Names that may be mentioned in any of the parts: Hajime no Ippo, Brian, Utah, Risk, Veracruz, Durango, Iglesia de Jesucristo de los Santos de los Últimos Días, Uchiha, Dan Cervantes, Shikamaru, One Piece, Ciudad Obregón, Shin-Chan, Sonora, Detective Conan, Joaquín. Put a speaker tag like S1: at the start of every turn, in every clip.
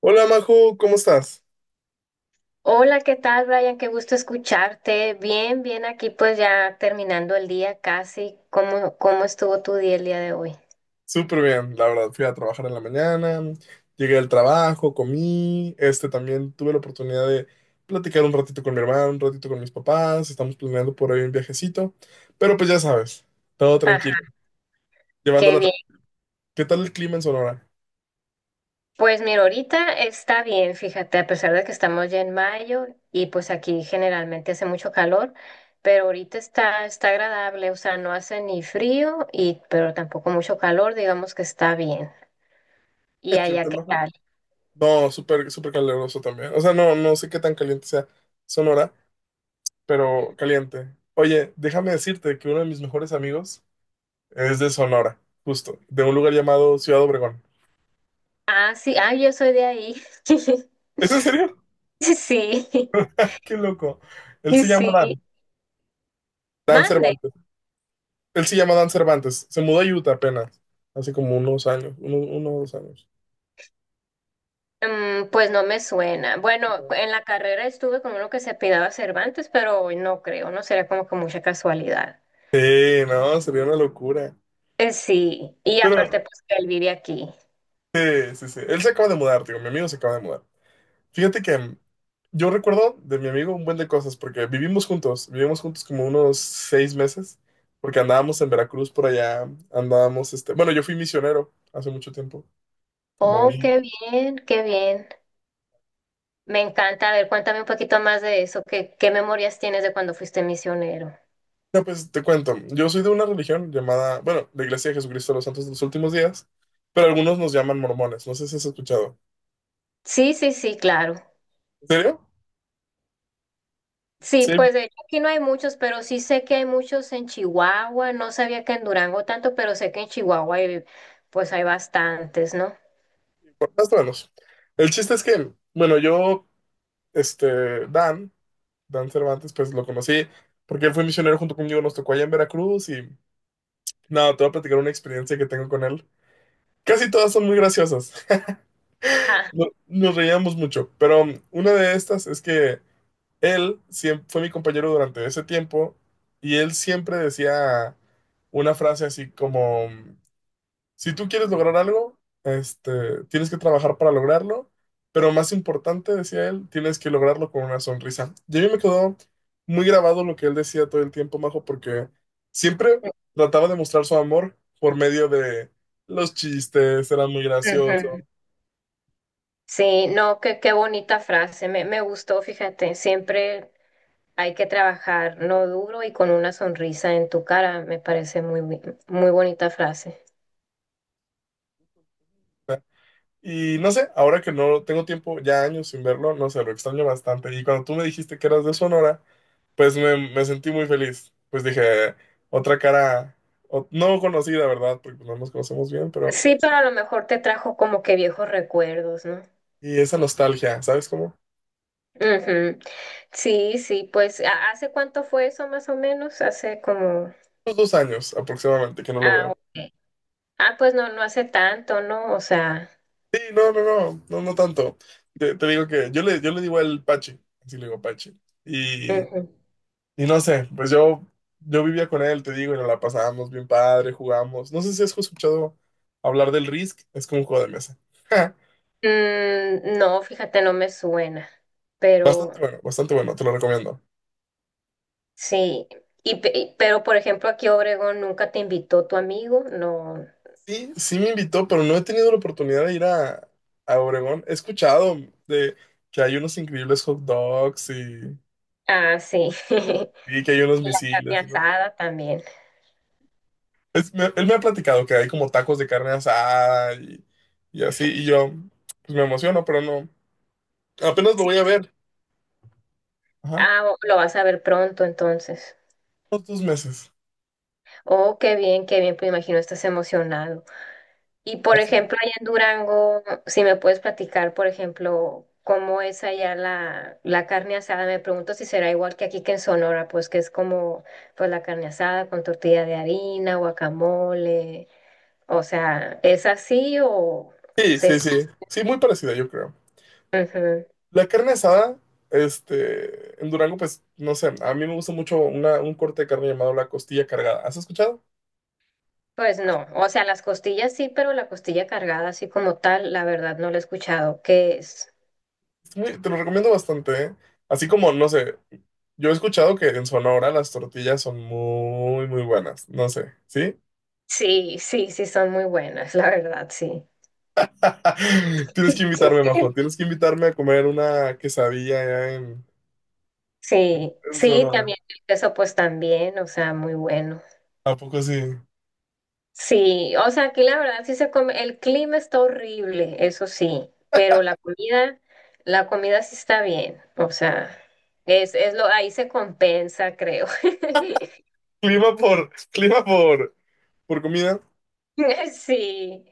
S1: Hola, Majo, ¿cómo estás?
S2: Hola, ¿qué tal, Brian? Qué gusto escucharte. Bien, bien, aquí pues ya terminando el día casi. ¿Cómo estuvo tu día el día de hoy?
S1: Súper bien, la verdad. Fui a trabajar en la mañana, llegué al trabajo, comí, este, también tuve la oportunidad de platicar un ratito con mi hermano, un ratito con mis papás. Estamos planeando por ahí un viajecito, pero pues ya sabes, todo tranquilo,
S2: Ajá, qué
S1: llevándola
S2: bien.
S1: tranquila. ¿Qué tal el clima en Sonora?
S2: Pues mira, ahorita está bien, fíjate, a pesar de que estamos ya en mayo y pues aquí generalmente hace mucho calor, pero ahorita está agradable, o sea, no hace ni frío y pero tampoco mucho calor, digamos que está bien. ¿Y
S1: ¿Es
S2: allá
S1: cierto,
S2: qué
S1: Majo?
S2: tal?
S1: No, súper, súper caluroso también. O sea, no, no sé qué tan caliente sea Sonora, pero caliente. Oye, déjame decirte que uno de mis mejores amigos es de Sonora, justo, de un lugar llamado Ciudad Obregón.
S2: Ah, sí, ah, yo soy de ahí.
S1: ¿Es en serio?
S2: Sí, sí.
S1: Qué loco. Él se llama
S2: Sí,
S1: Dan
S2: mande.
S1: Cervantes. Él se llama Dan Cervantes. Se mudó a Utah apenas, hace como unos años, uno o dos años.
S2: Mm, pues no me suena. Bueno,
S1: No.
S2: en la carrera estuve con uno que se apellidaba Cervantes, pero hoy no creo, no sería como que mucha casualidad.
S1: Sí, no, sería una locura.
S2: Sí, y aparte
S1: Pero
S2: pues que él vive aquí.
S1: sí, sí, sí. Él se acaba de mudar, digo, mi amigo se acaba de mudar. Fíjate que yo recuerdo de mi amigo un buen de cosas porque vivimos juntos como unos 6 meses, porque andábamos en Veracruz por allá. Andábamos, este, bueno, yo fui misionero hace mucho tiempo, como un
S2: Oh, qué bien, qué bien. Me encanta. A ver, cuéntame un poquito más de eso. ¿Qué memorias tienes de cuando fuiste misionero?
S1: no, pues te cuento. Yo soy de una religión llamada, bueno, la Iglesia de Jesucristo de los Santos de los Últimos Días, pero algunos nos llaman mormones. No sé si has escuchado.
S2: Sí, sí, sí, claro.
S1: ¿En serio?
S2: Sí,
S1: Sí,
S2: pues de hecho aquí no hay muchos, pero sí sé que hay muchos en Chihuahua. No sabía que en Durango tanto, pero sé que en Chihuahua hay, pues hay bastantes, ¿no?
S1: más o menos. El chiste es que, bueno, yo, este, Dan, Cervantes, pues lo conocí porque él fue misionero junto conmigo. Nos tocó allá en Veracruz y nada, te voy a platicar una experiencia que tengo con él. Casi todas son muy graciosas.
S2: Ajá.
S1: Nos reíamos mucho, pero una de estas es que fue mi compañero durante ese tiempo, y él siempre decía una frase así como, si tú quieres lograr algo, este, tienes que trabajar para lograrlo, pero más importante, decía él, tienes que lograrlo con una sonrisa. Y a mí me quedó muy grabado lo que él decía todo el tiempo, Majo, porque siempre trataba de mostrar su amor por medio de los chistes. Era muy
S2: Ujú.
S1: gracioso.
S2: Sí, no, qué bonita frase, me gustó, fíjate, siempre hay que trabajar no duro y con una sonrisa en tu cara, me parece muy, muy bonita frase.
S1: Y no sé, ahora que no tengo tiempo, ya años sin verlo, no sé, lo extraño bastante. Y cuando tú me dijiste que eras de Sonora, pues me sentí muy feliz. Pues dije, otra cara no conocida, ¿verdad? Porque no nos conocemos bien, pero...
S2: Sí, pero a lo mejor te trajo como que viejos recuerdos, ¿no?
S1: Y esa nostalgia, ¿sabes cómo?
S2: Ujú. Sí, sí, pues hace cuánto fue eso más o menos? Hace como...
S1: Unos 2 años aproximadamente que no lo
S2: Ah,
S1: veo.
S2: ok. Ah, pues no, no hace tanto, ¿no? O sea...
S1: Sí, no, no, no, no, no tanto. Te digo que yo le digo el Pachi, así le digo Pachi.
S2: Ujú.
S1: Y no sé, pues yo vivía con él, te digo, y nos la pasábamos bien padre, jugamos. No sé si has escuchado hablar del Risk, es como un juego de mesa.
S2: Mm, no, fíjate, no me suena, pero...
S1: Bastante bueno, te lo recomiendo.
S2: Sí, pero por ejemplo aquí Obregón nunca te invitó tu amigo, no.
S1: Sí, sí me invitó, pero no he tenido la oportunidad de ir a Obregón. He escuchado de que hay unos increíbles hot dogs, y,
S2: Ah, sí.
S1: y que hay unos
S2: Y la carne
S1: misiles. Y no.
S2: asada también.
S1: Él me ha platicado que hay como tacos de carne asada y así, y yo pues me emociono, pero no. Apenas lo voy a
S2: Sí.
S1: ver. Ajá,
S2: Ah, lo vas a ver pronto entonces.
S1: unos 2 meses.
S2: Oh, qué bien, pues imagino estás emocionado. Y por ejemplo, allá en Durango, si me puedes platicar, por ejemplo, cómo es allá la carne asada, me pregunto si será igual que aquí que en Sonora, pues que es como pues la carne asada con tortilla de harina, guacamole. O sea, ¿es así o
S1: Sí, sí,
S2: se...
S1: sí. Sí, muy parecida, yo creo.
S2: Ujú.
S1: La carne asada, este, en Durango, pues, no sé, a mí me gusta mucho un corte de carne llamado la costilla cargada. ¿Has escuchado?
S2: Pues no, o sea, las costillas sí, pero la costilla cargada así como tal, la verdad no la he escuchado, que es...
S1: Te lo recomiendo bastante, ¿eh? Así como, no sé, yo he escuchado que en Sonora las tortillas son muy, muy buenas. No sé, ¿sí?
S2: Sí, sí, sí, son muy buenas, la verdad, sí.
S1: Tienes que invitarme, Majo. Tienes que invitarme a comer una quesadilla allá en,
S2: Sí,
S1: en
S2: sí,
S1: Sonora.
S2: también el queso pues también, o sea, muy bueno.
S1: ¿A poco sí?
S2: Sí, o sea, aquí la verdad sí se come, el clima está horrible, eso sí, pero la comida sí está bien, o sea, es lo, ahí se compensa, creo.
S1: Clima por comida.
S2: Sí,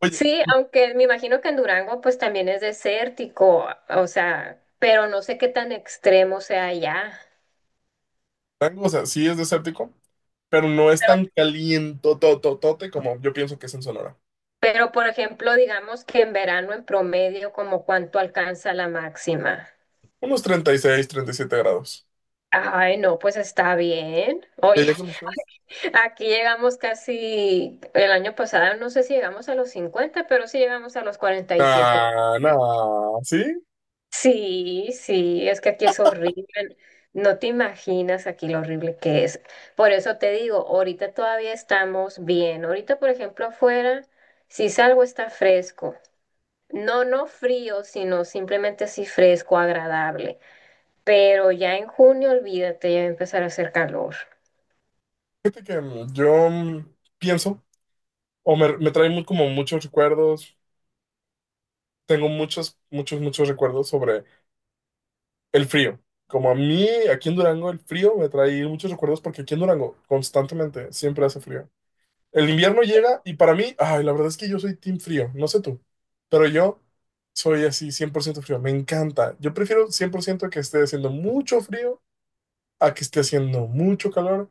S1: Oye.
S2: sí, aunque me imagino que en Durango pues también es desértico, o sea, pero no sé qué tan extremo sea allá.
S1: Durango, o sea, sí es desértico, pero no es
S2: Pero,
S1: tan calientototote como yo pienso que es en Sonora.
S2: pero por ejemplo, digamos que en verano en promedio, ¿como cuánto alcanza la máxima?
S1: Unos 37 grados.
S2: Ay, no, pues está bien.
S1: ¿Y
S2: Oye,
S1: allá cómo estás?
S2: aquí llegamos casi el año pasado, no sé si llegamos a los 50, pero sí llegamos a los 47.
S1: Nah, nah, sí.
S2: Sí, sí, es que aquí es horrible. No te imaginas aquí lo horrible que es. Por eso te digo, ahorita todavía estamos bien. Ahorita, por ejemplo, afuera, si salgo está fresco. No, no frío, sino simplemente así fresco, agradable. Pero ya en junio, olvídate, ya va a empezar a hacer calor.
S1: Fíjate que yo pienso, o me trae como muchos recuerdos. Tengo muchos, muchos, muchos recuerdos sobre el frío. Como a mí, aquí en Durango, el frío me trae muchos recuerdos porque aquí en Durango constantemente siempre hace frío. El invierno llega y para mí, ay, la verdad es que yo soy team frío, no sé tú, pero yo soy así 100% frío, me encanta. Yo prefiero 100% que esté haciendo mucho frío a que esté haciendo mucho calor.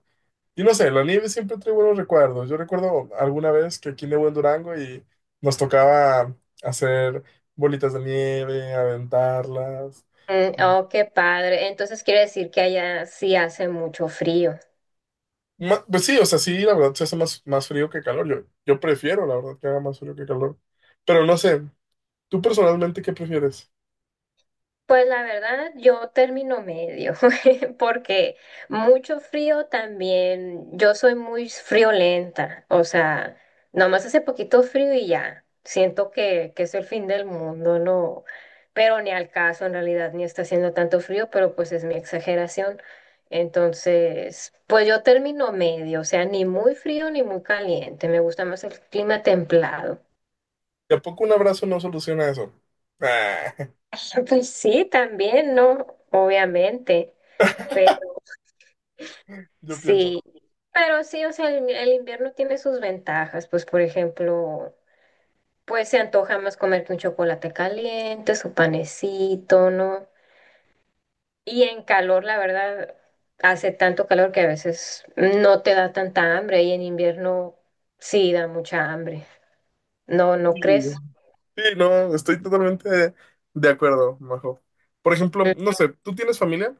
S1: Y no sé, la nieve siempre trae buenos recuerdos. Yo recuerdo alguna vez que aquí nevó en Durango y nos tocaba hacer bolitas de nieve, aventarlas.
S2: Mm, oh, qué padre. Entonces quiere decir que allá sí hace mucho frío.
S1: Pues sí, o sea, sí, la verdad se hace más, más frío que calor. Yo prefiero, la verdad, que haga más frío que calor. Pero no sé, ¿tú personalmente qué prefieres?
S2: Pues la verdad, yo termino medio, porque mucho frío también, yo soy muy friolenta, o sea, nomás hace poquito frío y ya, siento que es el fin del mundo, no, pero ni al caso en realidad, ni está haciendo tanto frío, pero pues es mi exageración. Entonces, pues yo termino medio, o sea, ni muy frío ni muy caliente, me gusta más el clima templado.
S1: ¿Y a poco un abrazo no soluciona eso? Ah,
S2: Pues sí, también, ¿no? Obviamente.
S1: yo pienso.
S2: Sí, pero sí, o sea, el invierno tiene sus ventajas, pues por ejemplo, pues se antoja más comerte un chocolate caliente, su panecito, ¿no? Y en calor, la verdad, hace tanto calor que a veces no te da tanta hambre y en invierno sí da mucha hambre. ¿No, no
S1: Sí,
S2: crees?
S1: sí, no, estoy totalmente de acuerdo, Majo. Por ejemplo,
S2: Mm,
S1: no sé, ¿tú tienes familia?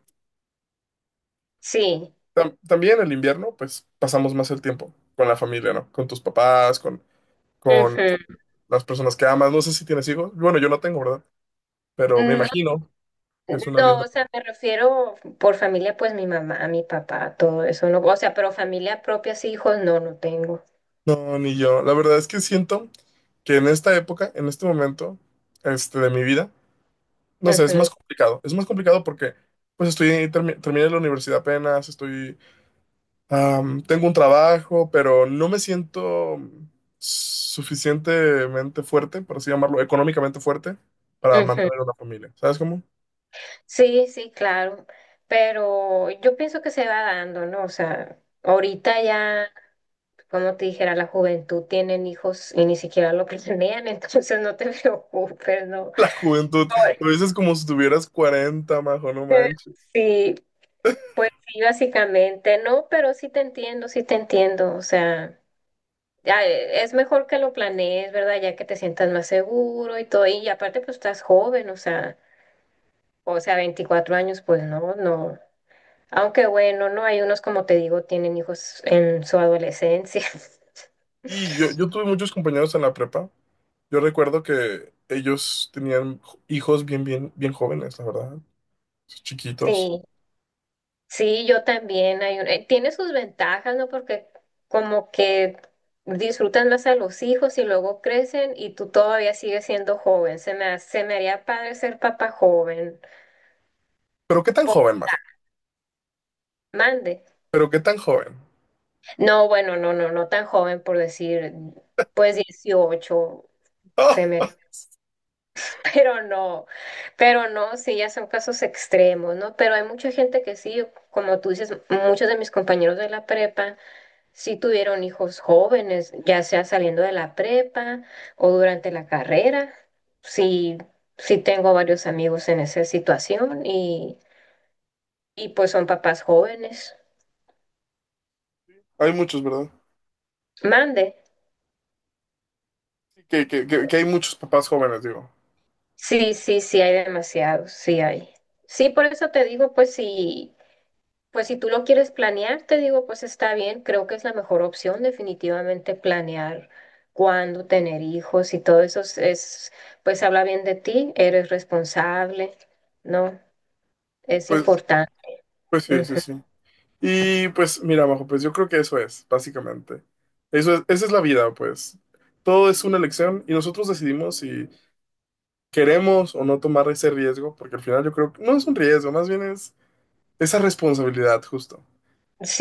S2: sí.
S1: También el invierno, pues pasamos más el tiempo con la familia, ¿no? Con tus papás, con,
S2: Ujú.
S1: las personas que amas. No sé si tienes hijos. Bueno, yo no tengo, ¿verdad? Pero me
S2: No,
S1: imagino que es una
S2: no,
S1: linda.
S2: o sea, me refiero por familia, pues mi mamá, mi papá, todo eso, ¿no? O sea, pero familia propia, sí, hijos, no, no tengo.
S1: No, ni yo. La verdad es que siento que en esta época, en este momento, este, de mi vida, no sé, es
S2: Ujú.
S1: más complicado. Es más complicado porque pues estoy terminé la universidad apenas, estoy tengo un trabajo, pero no me siento suficientemente fuerte, por así llamarlo, económicamente fuerte para
S2: Ujú.
S1: mantener una familia. ¿Sabes cómo?
S2: Sí, sí, claro, pero yo pienso que se va dando, ¿no? O sea, ahorita ya, como te dijera, la juventud tienen hijos y ni siquiera lo planean, entonces no te preocupes, ¿no?
S1: La juventud,
S2: Ahora,
S1: lo dices como si tuvieras 40, Majo, no manches.
S2: sí, pues sí, básicamente, no, pero sí te entiendo, o sea, ya, es mejor que lo planees, ¿verdad? Ya que te sientas más seguro y todo, y aparte pues estás joven, o sea, 24 años, pues no, no. Aunque bueno, no hay unos, como te digo, tienen hijos en su adolescencia.
S1: Y yo tuve muchos compañeros en la prepa. Yo recuerdo que ellos tenían hijos bien, bien, bien jóvenes, la verdad, chiquitos.
S2: Sí, sí, yo también. Tiene sus ventajas, ¿no? Porque como que disfrutan más a los hijos y luego crecen y tú todavía sigues siendo joven. Se me haría padre ser papá joven.
S1: Pero qué tan
S2: Po-
S1: joven, Majo,
S2: Mande.
S1: pero qué tan joven.
S2: No, bueno, no, no, no tan joven por decir, pues 18 se me
S1: Ah,
S2: pero no, pero no, sí, ya son casos extremos, ¿no? Pero hay mucha gente que sí, como tú dices, muchos de mis compañeros de la prepa sí tuvieron hijos jóvenes, ya sea saliendo de la prepa o durante la carrera. Sí, sí tengo varios amigos en esa situación y pues son papás jóvenes.
S1: hay muchos, ¿verdad?
S2: Mande.
S1: Que hay muchos papás jóvenes, digo.
S2: Sí, sí, sí hay demasiados, sí hay. Sí, por eso te digo, pues sí. Pues si tú lo quieres planear, te digo, pues está bien, creo que es la mejor opción definitivamente planear cuándo tener hijos y todo es, pues habla bien de ti, eres responsable, ¿no? Es
S1: Pues,
S2: importante.
S1: pues sí, sí,
S2: Ujú.
S1: sí. Y pues mira, Majo, pues yo creo que eso es, básicamente. Eso es, esa es la vida, pues. Todo es una elección y nosotros decidimos si queremos o no tomar ese riesgo, porque al final yo creo que no es un riesgo, más bien es esa responsabilidad, justo.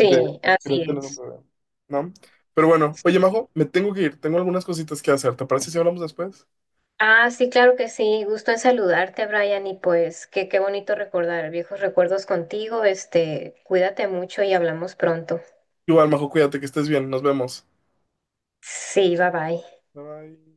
S1: De
S2: así
S1: Crátelo no
S2: es.
S1: me veo, ¿no? Pero bueno,
S2: Sí.
S1: oye, Majo, me tengo que ir. Tengo algunas cositas que hacer. ¿Te parece si hablamos después?
S2: Ah, sí, claro que sí, gusto en saludarte, Brian, y pues qué bonito recordar viejos recuerdos contigo, este, cuídate mucho y hablamos pronto.
S1: Igual, Majo, cuídate, que estés bien. Nos vemos.
S2: Sí, bye bye.
S1: Bye bye.